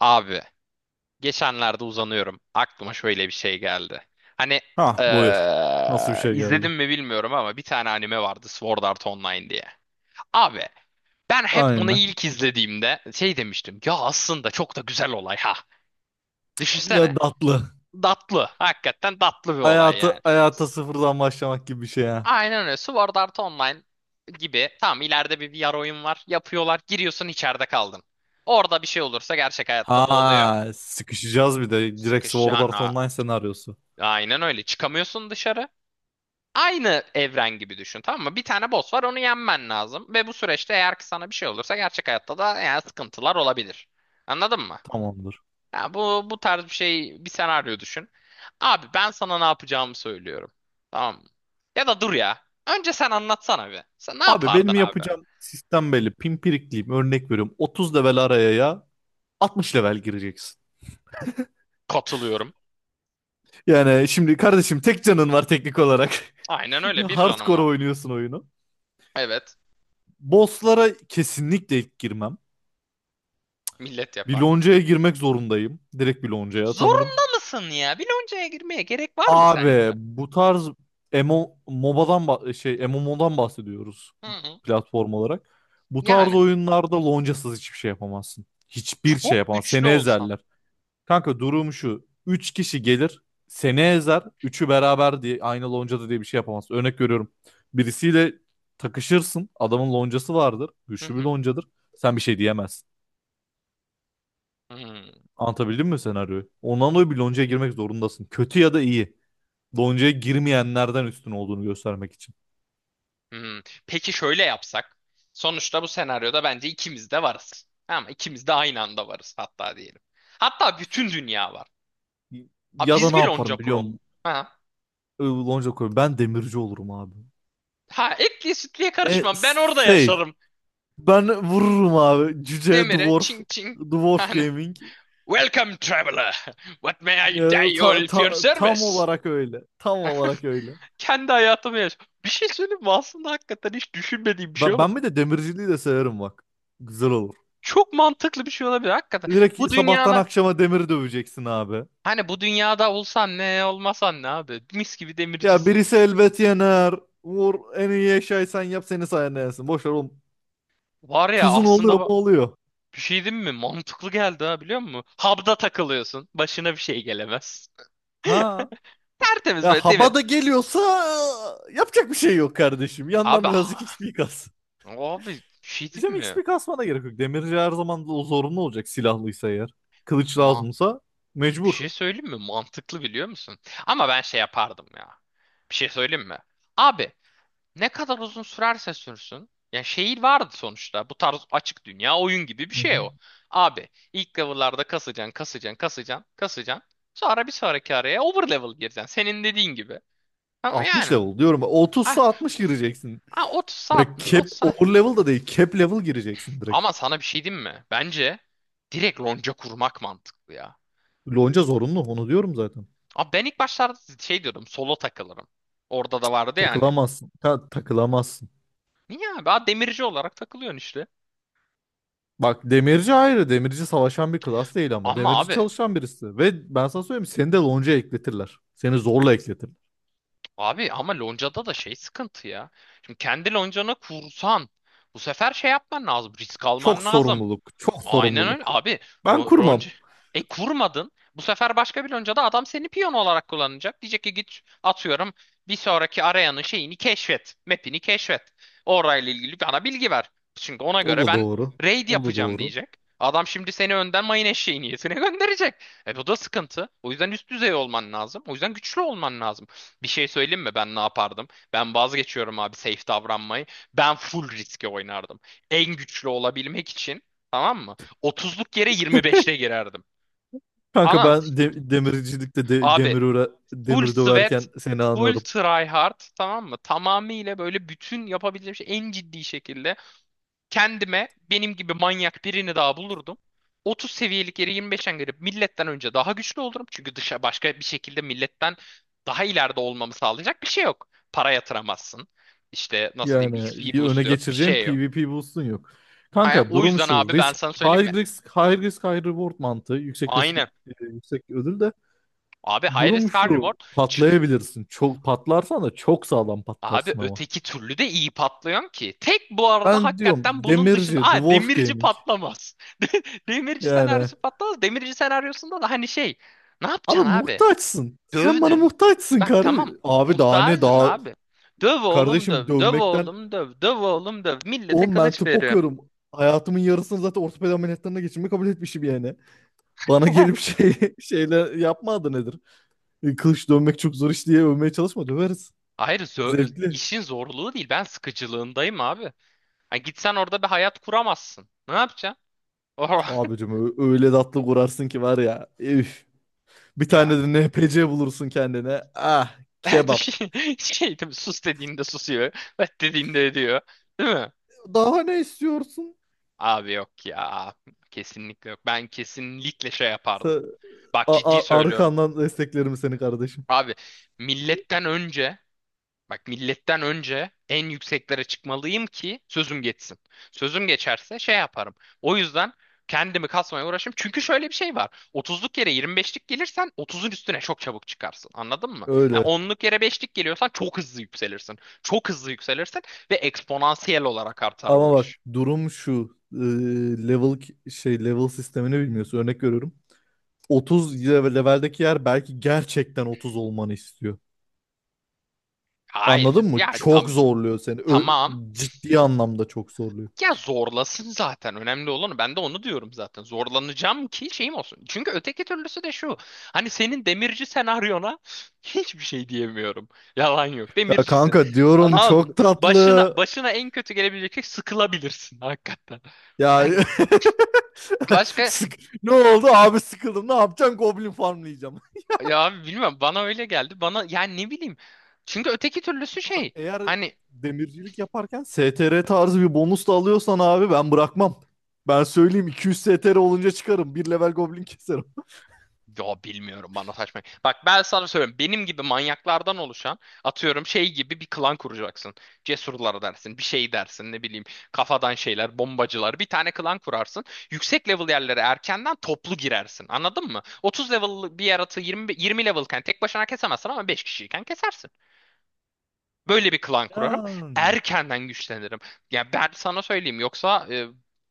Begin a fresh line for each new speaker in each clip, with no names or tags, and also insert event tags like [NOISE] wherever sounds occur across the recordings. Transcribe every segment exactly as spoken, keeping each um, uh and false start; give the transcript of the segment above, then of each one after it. Abi geçenlerde uzanıyorum. Aklıma şöyle bir şey geldi. Hani
Ha, buyur. Nasıl bir
eee
şey geldi?
izledim mi bilmiyorum ama bir tane anime vardı, Sword Art Online diye. Abi ben hep onu
Aynen.
ilk izlediğimde şey demiştim. Ya aslında çok da güzel olay ha.
Ne
Düşünsene.
tatlı.
Tatlı. Hakikaten tatlı bir olay yani.
Hayatı hayata sıfırdan başlamak gibi bir şey ha.
Aynen öyle. Sword Art Online gibi. Tamam, ileride bir V R oyun var. Yapıyorlar. Giriyorsun, içeride kaldın. Orada bir şey olursa gerçek hayatta da oluyor.
Ha, sıkışacağız bir de. Direkt Sword
Sıkışacaksın
Art
ha.
Online senaryosu.
Aynen öyle. Çıkamıyorsun dışarı. Aynı evren gibi düşün, tamam mı? Bir tane boss var, onu yenmen lazım. Ve bu süreçte eğer ki sana bir şey olursa gerçek hayatta da yani sıkıntılar olabilir. Anladın mı?
Tamamdır.
Ya bu, bu tarz bir şey, bir senaryo düşün. Abi ben sana ne yapacağımı söylüyorum. Tamam mı? Ya da dur ya. Önce sen anlatsana bir. Sen ne
Abi benim
yapardın abi?
yapacağım sistem belli. Pimpirikliyim. Örnek veriyorum. otuz level araya ya altmış level gireceksin.
Katılıyorum.
Yani şimdi kardeşim tek canın var teknik olarak.
Aynen öyle
[LAUGHS]
bir ranım
Hardcore
var.
oynuyorsun oyunu.
Evet.
Bosslara kesinlikle ilk girmem.
Millet
Bir
yapar.
loncaya girmek zorundayım. Direkt bir loncaya atanırım.
Zorunda mısın ya? Biloncaya girmeye gerek var mı
Abi
sence?
bu tarz M M O, M O B A'dan ba- şey M M O'dan bahsediyoruz
Hı hı.
platform olarak. Bu tarz
Yani.
oyunlarda loncasız hiçbir şey yapamazsın. Hiçbir şey
Çok
yapamazsın.
güçlü
Seni
olsam.
ezerler. Kanka durum şu. Üç kişi gelir seni ezer. Üçü beraber diye aynı loncada diye bir şey yapamazsın. Örnek veriyorum. Birisiyle takışırsın. Adamın loncası vardır.
Hı
Güçlü bir
hı,
loncadır. Sen bir şey diyemezsin.
hı
Anlatabildim mi senaryoyu? Ondan dolayı bir loncaya girmek zorundasın. Kötü ya da iyi. Lonca'ya girmeyenlerden üstün olduğunu göstermek için.
hı. Peki şöyle yapsak. Sonuçta bu senaryoda bence ikimiz de varız. Ama ikimiz de aynı anda varız hatta diyelim. Hatta bütün dünya var. Ha,
Ya da
biz
ne
bir lonca
yaparım biliyor
kuralım.
musun?
Ha.
Ee, Lonca koyarım. Ben demirci olurum abi.
Ha, etliye sütlüye
E,
karışma. Ben orada
safe.
yaşarım.
Ben vururum abi. Cüce
Demire
Dwarf.
çing çing.
Dwarf
Hani,
Gaming.
welcome traveler. What may I do
Ee,
you
ta-
if your
ta- tam
service?
olarak öyle. Tam olarak öyle.
Kendi hayatımı yaş. Bir şey söyleyeyim mi? Aslında hakikaten hiç düşünmediğim bir şey
Ben,
ama
ben bir de demirciliği de severim bak. Güzel olur.
çok mantıklı bir şey olabilir. Hakikaten bu
Direkt sabahtan
dünyana
akşama demir döveceksin abi.
hani bu dünyada olsan ne olmasan ne abi? Mis gibi
Ya
demircisin.
birisi elbet yener. Vur, en iyi eşyayı sen yap, seni sayende yensin. Boş ver oğlum.
Var ya,
Tuzun oluyor
aslında
mu,
bak-
oluyor.
bir şey değil mi? Mantıklı geldi ha, biliyor musun? Hub'da takılıyorsun. Başına bir şey gelemez. [LAUGHS]
Ha,
Tertemiz
ya
böyle demir.
Habada geliyorsa e, yapacak bir şey yok kardeşim. Yandan
Abi
birazcık
ha-
X P kas.
abi bir şey değil
Diyeceğim
mi?
X P kasmana gerek yok. Demirci her zaman da o zorunlu olacak silahlıysa eğer. Kılıç
Ma
lazımsa
bir
mecbur.
şey söyleyeyim mi? Mantıklı, biliyor musun? Ama ben şey yapardım ya. Bir şey söyleyeyim mi? Abi, ne kadar uzun sürerse sürsün. Ya, şehir vardı sonuçta. Bu tarz açık dünya oyun gibi bir
Hı
şey
hı.
o. Abi ilk level'larda kasacaksın, kasacaksın, kasacaksın, kasacaksın. Sonra bir sonraki araya over level gireceksin. Senin dediğin gibi. Ama
altmış
yani
level diyorum.
ah,
Otuzsa altmış gireceksin.
ah, otuz
Ya
saatmiş,
cap
otuz saatmiş.
over level da değil. Cap level gireceksin direkt.
Ama sana bir şey diyeyim mi? Bence direkt lonca kurmak mantıklı ya.
Lonca zorunlu, onu diyorum zaten.
Abi ben ilk başlarda şey diyordum, solo takılırım. Orada da vardı yani.
Takılamazsın. Ta- takılamazsın.
Niye abi? Ha, demirci olarak takılıyorsun işte.
Bak demirci ayrı. Demirci savaşan bir klas değil ama.
Ama
Demirci
abi
çalışan birisi. Ve ben sana söyleyeyim, seni de lonca ekletirler. Seni zorla ekletirler.
Abi, ama loncada da şey, sıkıntı ya. Şimdi kendi loncana kursan bu sefer şey yapman lazım. Risk
Çok
alman lazım.
sorumluluk. Çok
Aynen öyle.
sorumluluk.
Abi
Ben
lo-
kurmam.
lonca e kurmadın. Bu sefer başka bir loncada adam seni piyon olarak kullanacak. Diyecek ki git, atıyorum, bir sonraki arayanın şeyini keşfet. Map'ini keşfet. Orayla ilgili bana bilgi ver. Çünkü ona
O
göre
da
ben
doğru.
raid
O da
yapacağım
doğru.
diyecek. Adam şimdi seni önden mayın eşeği niyetine [LAUGHS] gönderecek. E bu da sıkıntı. O yüzden üst düzey olman lazım. O yüzden güçlü olman lazım. Bir şey söyleyeyim mi? Ben ne yapardım? Ben vazgeçiyorum abi safe davranmayı. Ben full riske oynardım. En güçlü olabilmek için, tamam mı? otuzluk yere yirmi beşte girerdim.
Kanka
Anam
ben de- demircilikte de-
abi,
demir öre-
full
demir
sweat,
döverken seni
full
anarım.
try hard, tamam mı? Tamamıyla böyle bütün yapabileceğim şey, en ciddi şekilde kendime benim gibi manyak birini daha bulurdum. otuz seviyelik yere yirmi beşten girip milletten önce daha güçlü olurum. Çünkü dışa başka bir şekilde milletten daha ileride olmamı sağlayacak bir şey yok. Para yatıramazsın. İşte nasıl diyeyim,
Yani
X P
öne
boost yok, bir
geçireceğim
şey yok.
P V P boost'un yok.
Ha,
Kanka
o
durum
yüzden
şu.
abi ben
Risk,
sana söyleyeyim mi?
high risk, high risk, high reward mantığı. Yüksek risk, e,
Aynen.
yüksek ödül de.
Abi, high risk
Durum
high reward.
şu.
Çık.
Patlayabilirsin. Çok patlarsan da çok sağlam
Abi
patlarsın ama.
öteki türlü de iyi patlıyorsun ki. Tek bu arada
Ben diyorum
hakikaten bunun dışında...
demirci,
Aa,
dwarf
demirci
gaming.
patlamaz. [LAUGHS] De- Demirci
Yani
senaryosu patlamaz. Demirci senaryosunda da hani şey... Ne
abi
yapacaksın abi?
muhtaçsın. Sen bana
Dövdün.
muhtaçsın
Bak tamam.
kardeşim. Abi daha ne
Muhtacım
daha
abi. Döv oğlum
kardeşim
döv. Döv
dövmekten
oğlum döv. Döv oğlum döv. Millete
on ben
kılıç
tıp
veriyor.
okuyorum. Hayatımın yarısını zaten ortopedi ameliyatlarına geçirmeyi kabul etmişim yani. Bana
[LAUGHS]
gelip şey [LAUGHS] şeyler yapma adı nedir? E, Kılıç dövmek çok zor iş diye övmeye çalışma, döveriz.
Hayır, zö- e,
Zevkli.
işin zorluğu değil. Ben sıkıcılığındayım abi. Ha, gitsen orada bir hayat kuramazsın. Ne yapacaksın?
Abicim ö- öyle tatlı kurarsın ki var ya. Üf.
[LAUGHS]
Bir
Ya.
tane de N P C bulursun kendine. Ah
[LAUGHS]
kebap.
Şey, şey değil, sus dediğinde susuyor. Evet dediğinde ediyor. Değil mi?
Daha ne istiyorsun?
Abi yok ya. Kesinlikle yok. Ben kesinlikle şey yapardım.
Sa-
Bak,
a-
ciddi
a-
söylüyorum.
Arkandan desteklerim seni kardeşim.
Abi milletten önce Bak, milletten önce en yükseklere çıkmalıyım ki sözüm geçsin. Sözüm geçerse şey yaparım. O yüzden kendimi kasmaya uğraşım. Çünkü şöyle bir şey var. otuzluk yere yirmi beşlik gelirsen otuzun üstüne çok çabuk çıkarsın. Anladın mı? Ha,
Öyle.
onluk yere beşlik geliyorsan çok hızlı yükselirsin. Çok hızlı yükselirsin ve eksponansiyel olarak artar
Ama
bu
bak
iş.
durum şu. Ee, level ki- şey level sistemini bilmiyorsun. Örnek veriyorum. otuz level- leveldeki yer belki gerçekten otuz olmanı istiyor.
Hayır.
Anladın mı?
Ya
Çok
tam
zorluyor seni. Ö-
tamam.
ciddi anlamda çok zorluyor.
Ya zorlasın zaten. Önemli olanı. Ben de onu diyorum zaten. Zorlanacağım ki şeyim olsun. Çünkü öteki türlüsü de şu. Hani senin demirci senaryona [LAUGHS] hiçbir şey diyemiyorum. Yalan yok.
Ya
Demircisin.
kanka diyorum
Anan,
çok
başına
tatlı.
başına en kötü gelebilecek şey, sıkılabilirsin hakikaten.
Ya
Hani
[LAUGHS]
başka,
Sık- ne oldu abi, sıkıldım. Ne yapacağım? Goblin farmlayacağım. [LAUGHS]
ya bilmem, bana öyle geldi. Bana yani, ne bileyim. Çünkü öteki türlüsü
Bak
şey.
eğer
Hani,
demircilik yaparken S T R tarzı bir bonus da alıyorsan abi ben bırakmam. Ben söyleyeyim, iki yüz S T R olunca çıkarım. Bir level goblin keserim. [LAUGHS]
yo, bilmiyorum, bana saçma. Bak, ben sana söylüyorum. Benim gibi manyaklardan oluşan, atıyorum şey gibi bir klan kuracaksın. Cesurlar dersin, bir şey dersin, ne bileyim, kafadan şeyler, bombacılar. Bir tane klan kurarsın. Yüksek level yerlere erkenden toplu girersin. Anladın mı? otuz level bir yaratığı yirmi, yirmi levelken tek başına kesemezsin ama beş kişiyken kesersin. Böyle bir klan kurarım.
Yani.
Erkenden güçlenirim. Ya ben sana söyleyeyim, yoksa e,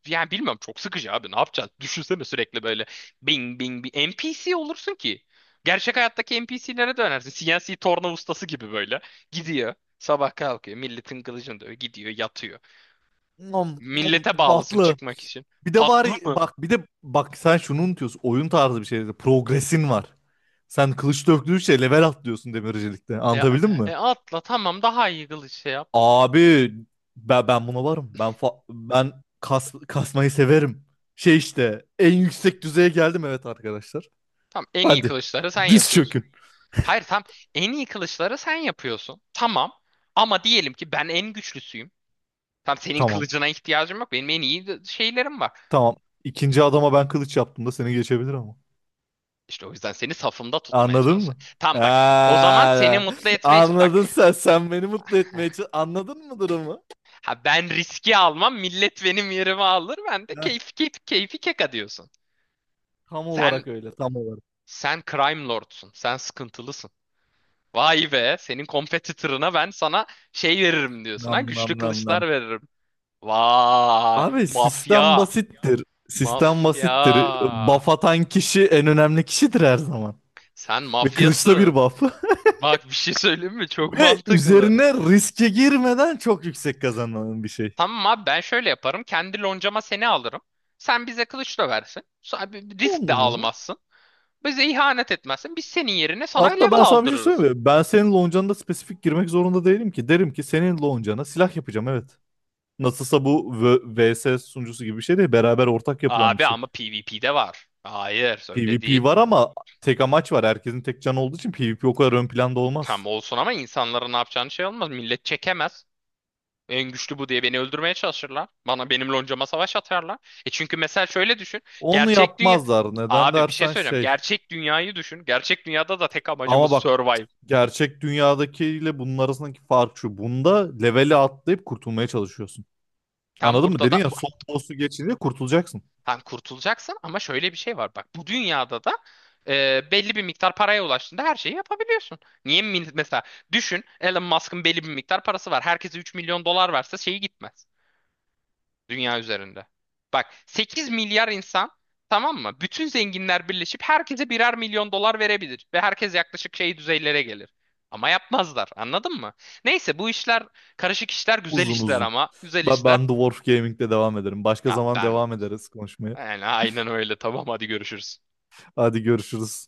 yani bilmiyorum, çok sıkıcı abi, ne yapacağız? Düşünsene sürekli böyle bing bing bir NPC olursun ki. Gerçek hayattaki NPC'lere dönersin. C N C torna ustası gibi böyle. Gidiyor. Sabah kalkıyor. Milletin kılıcını dövüyor. Gidiyor yatıyor.
Nom, nom,
Millete bağlısın
tatlı.
çıkmak için.
Bir de var
Tatlı mı?
bak, bir de bak, sen şunu unutuyorsun. Oyun tarzı bir şeyde progresin var. Sen kılıç döktüğünce level atlıyorsun demircilikte.
Ya,
Anlatabildim
e,
mi?
e, atla tamam, daha iyi kılıç şey yap.
Abi ben, ben buna varım. Ben fa- ben kas, kasmayı severim. Şey işte en yüksek düzeye geldim evet arkadaşlar.
Tamam, en iyi
Hadi.
kılıçları sen
Diz
yapıyorsun.
çökün.
Hayır, tam, en iyi kılıçları sen yapıyorsun. Tamam. Ama diyelim ki ben en güçlüsüyüm. Tam senin
Tamam.
kılıcına ihtiyacım yok. Benim en iyi de- şeylerim var.
Tamam. İkinci adama ben kılıç yaptım da seni geçebilir ama.
İşte o yüzden seni safımda tutmaya
Anladın mı?
çalışıyorum. Tamam bak. O zaman seni
Ha,
mutlu etmeye ç- bak.
anladın sen. Sen beni mutlu etmeye çalış-
[LAUGHS]
anladın mı durumu?
Ha, ben riski almam. Millet benim yerime alır. Ben de
Heh,
keyfi keyfi, keyfi keka diyorsun.
tam
Sen
olarak öyle. Tam olarak.
sen crime lordsun. Sen sıkıntılısın. Vay be. Senin competitor'ına ben sana şey veririm diyorsun
Nam
ha.
nam
Güçlü
nam nam.
kılıçlar veririm. Vay.
Abi sistem
Mafya.
basittir. Sistem basittir.
Mafya.
Buff atan kişi en önemli kişidir her zaman.
Sen
Ve kılıçta
mafyasın.
bir buff. [LAUGHS]
Bak, bir şey söyleyeyim mi? Çok
Ve
mantıklı.
üzerine riske girmeden çok yüksek kazanılan bir şey.
Tamam abi ben şöyle yaparım. Kendi loncama seni alırım. Sen bize kılıç döversin. Sa- bir- bir
On
risk de
numara.
almazsın. Bize ihanet etmezsin. Biz senin yerine sana
Hatta
level
ben sana bir şey
aldırırız.
söyleyeyim mi? Ben senin loncanına da spesifik girmek zorunda değilim ki. Derim ki senin loncana silah yapacağım evet. Nasılsa bu V- VS sunucusu gibi bir şey değil. Beraber ortak yapılan bir
Abi
şey.
ama PvP'de var. Hayır öyle
PvP
değil.
var ama tek amaç var. Herkesin tek canı olduğu için P V P o kadar ön planda
Tam
olmaz.
olsun ama insanların ne yapacağını şey olmaz. Millet çekemez. En güçlü bu diye beni öldürmeye çalışırlar. Bana, benim loncama savaş atarlar. E çünkü mesela şöyle düşün.
Onu
Gerçek dünya...
yapmazlar. Neden
Abi bir şey
dersen
söyleyeceğim.
şey.
Gerçek dünyayı düşün. Gerçek dünyada da tek amacımız
Ama bak,
survive.
gerçek dünyadakiyle bunun arasındaki fark şu. Bunda leveli atlayıp kurtulmaya çalışıyorsun.
Tam
Anladın mı?
burada da
Dedin ya, son boss'u geçince kurtulacaksın.
tam kurtulacaksın, ama şöyle bir şey var. Bak bu dünyada da e, belli bir miktar paraya ulaştığında her şeyi yapabiliyorsun. Niye mi- mesela düşün, Elon Musk'ın belli bir miktar parası var. Herkese üç milyon dolar verse şeyi gitmez. Dünya üzerinde. Bak, sekiz milyar insan, tamam mı? Bütün zenginler birleşip herkese birer milyon dolar verebilir. Ve herkes yaklaşık şey düzeylere gelir. Ama yapmazlar, anladın mı? Neyse, bu işler karışık işler, güzel
Uzun
işler,
uzun.
ama güzel
Ben,
işler.
ben Dwarf Gaming'de devam ederim. Başka
Ya
zaman
ben
devam ederiz konuşmaya.
yani aynen öyle, tamam, hadi görüşürüz.
Hadi görüşürüz.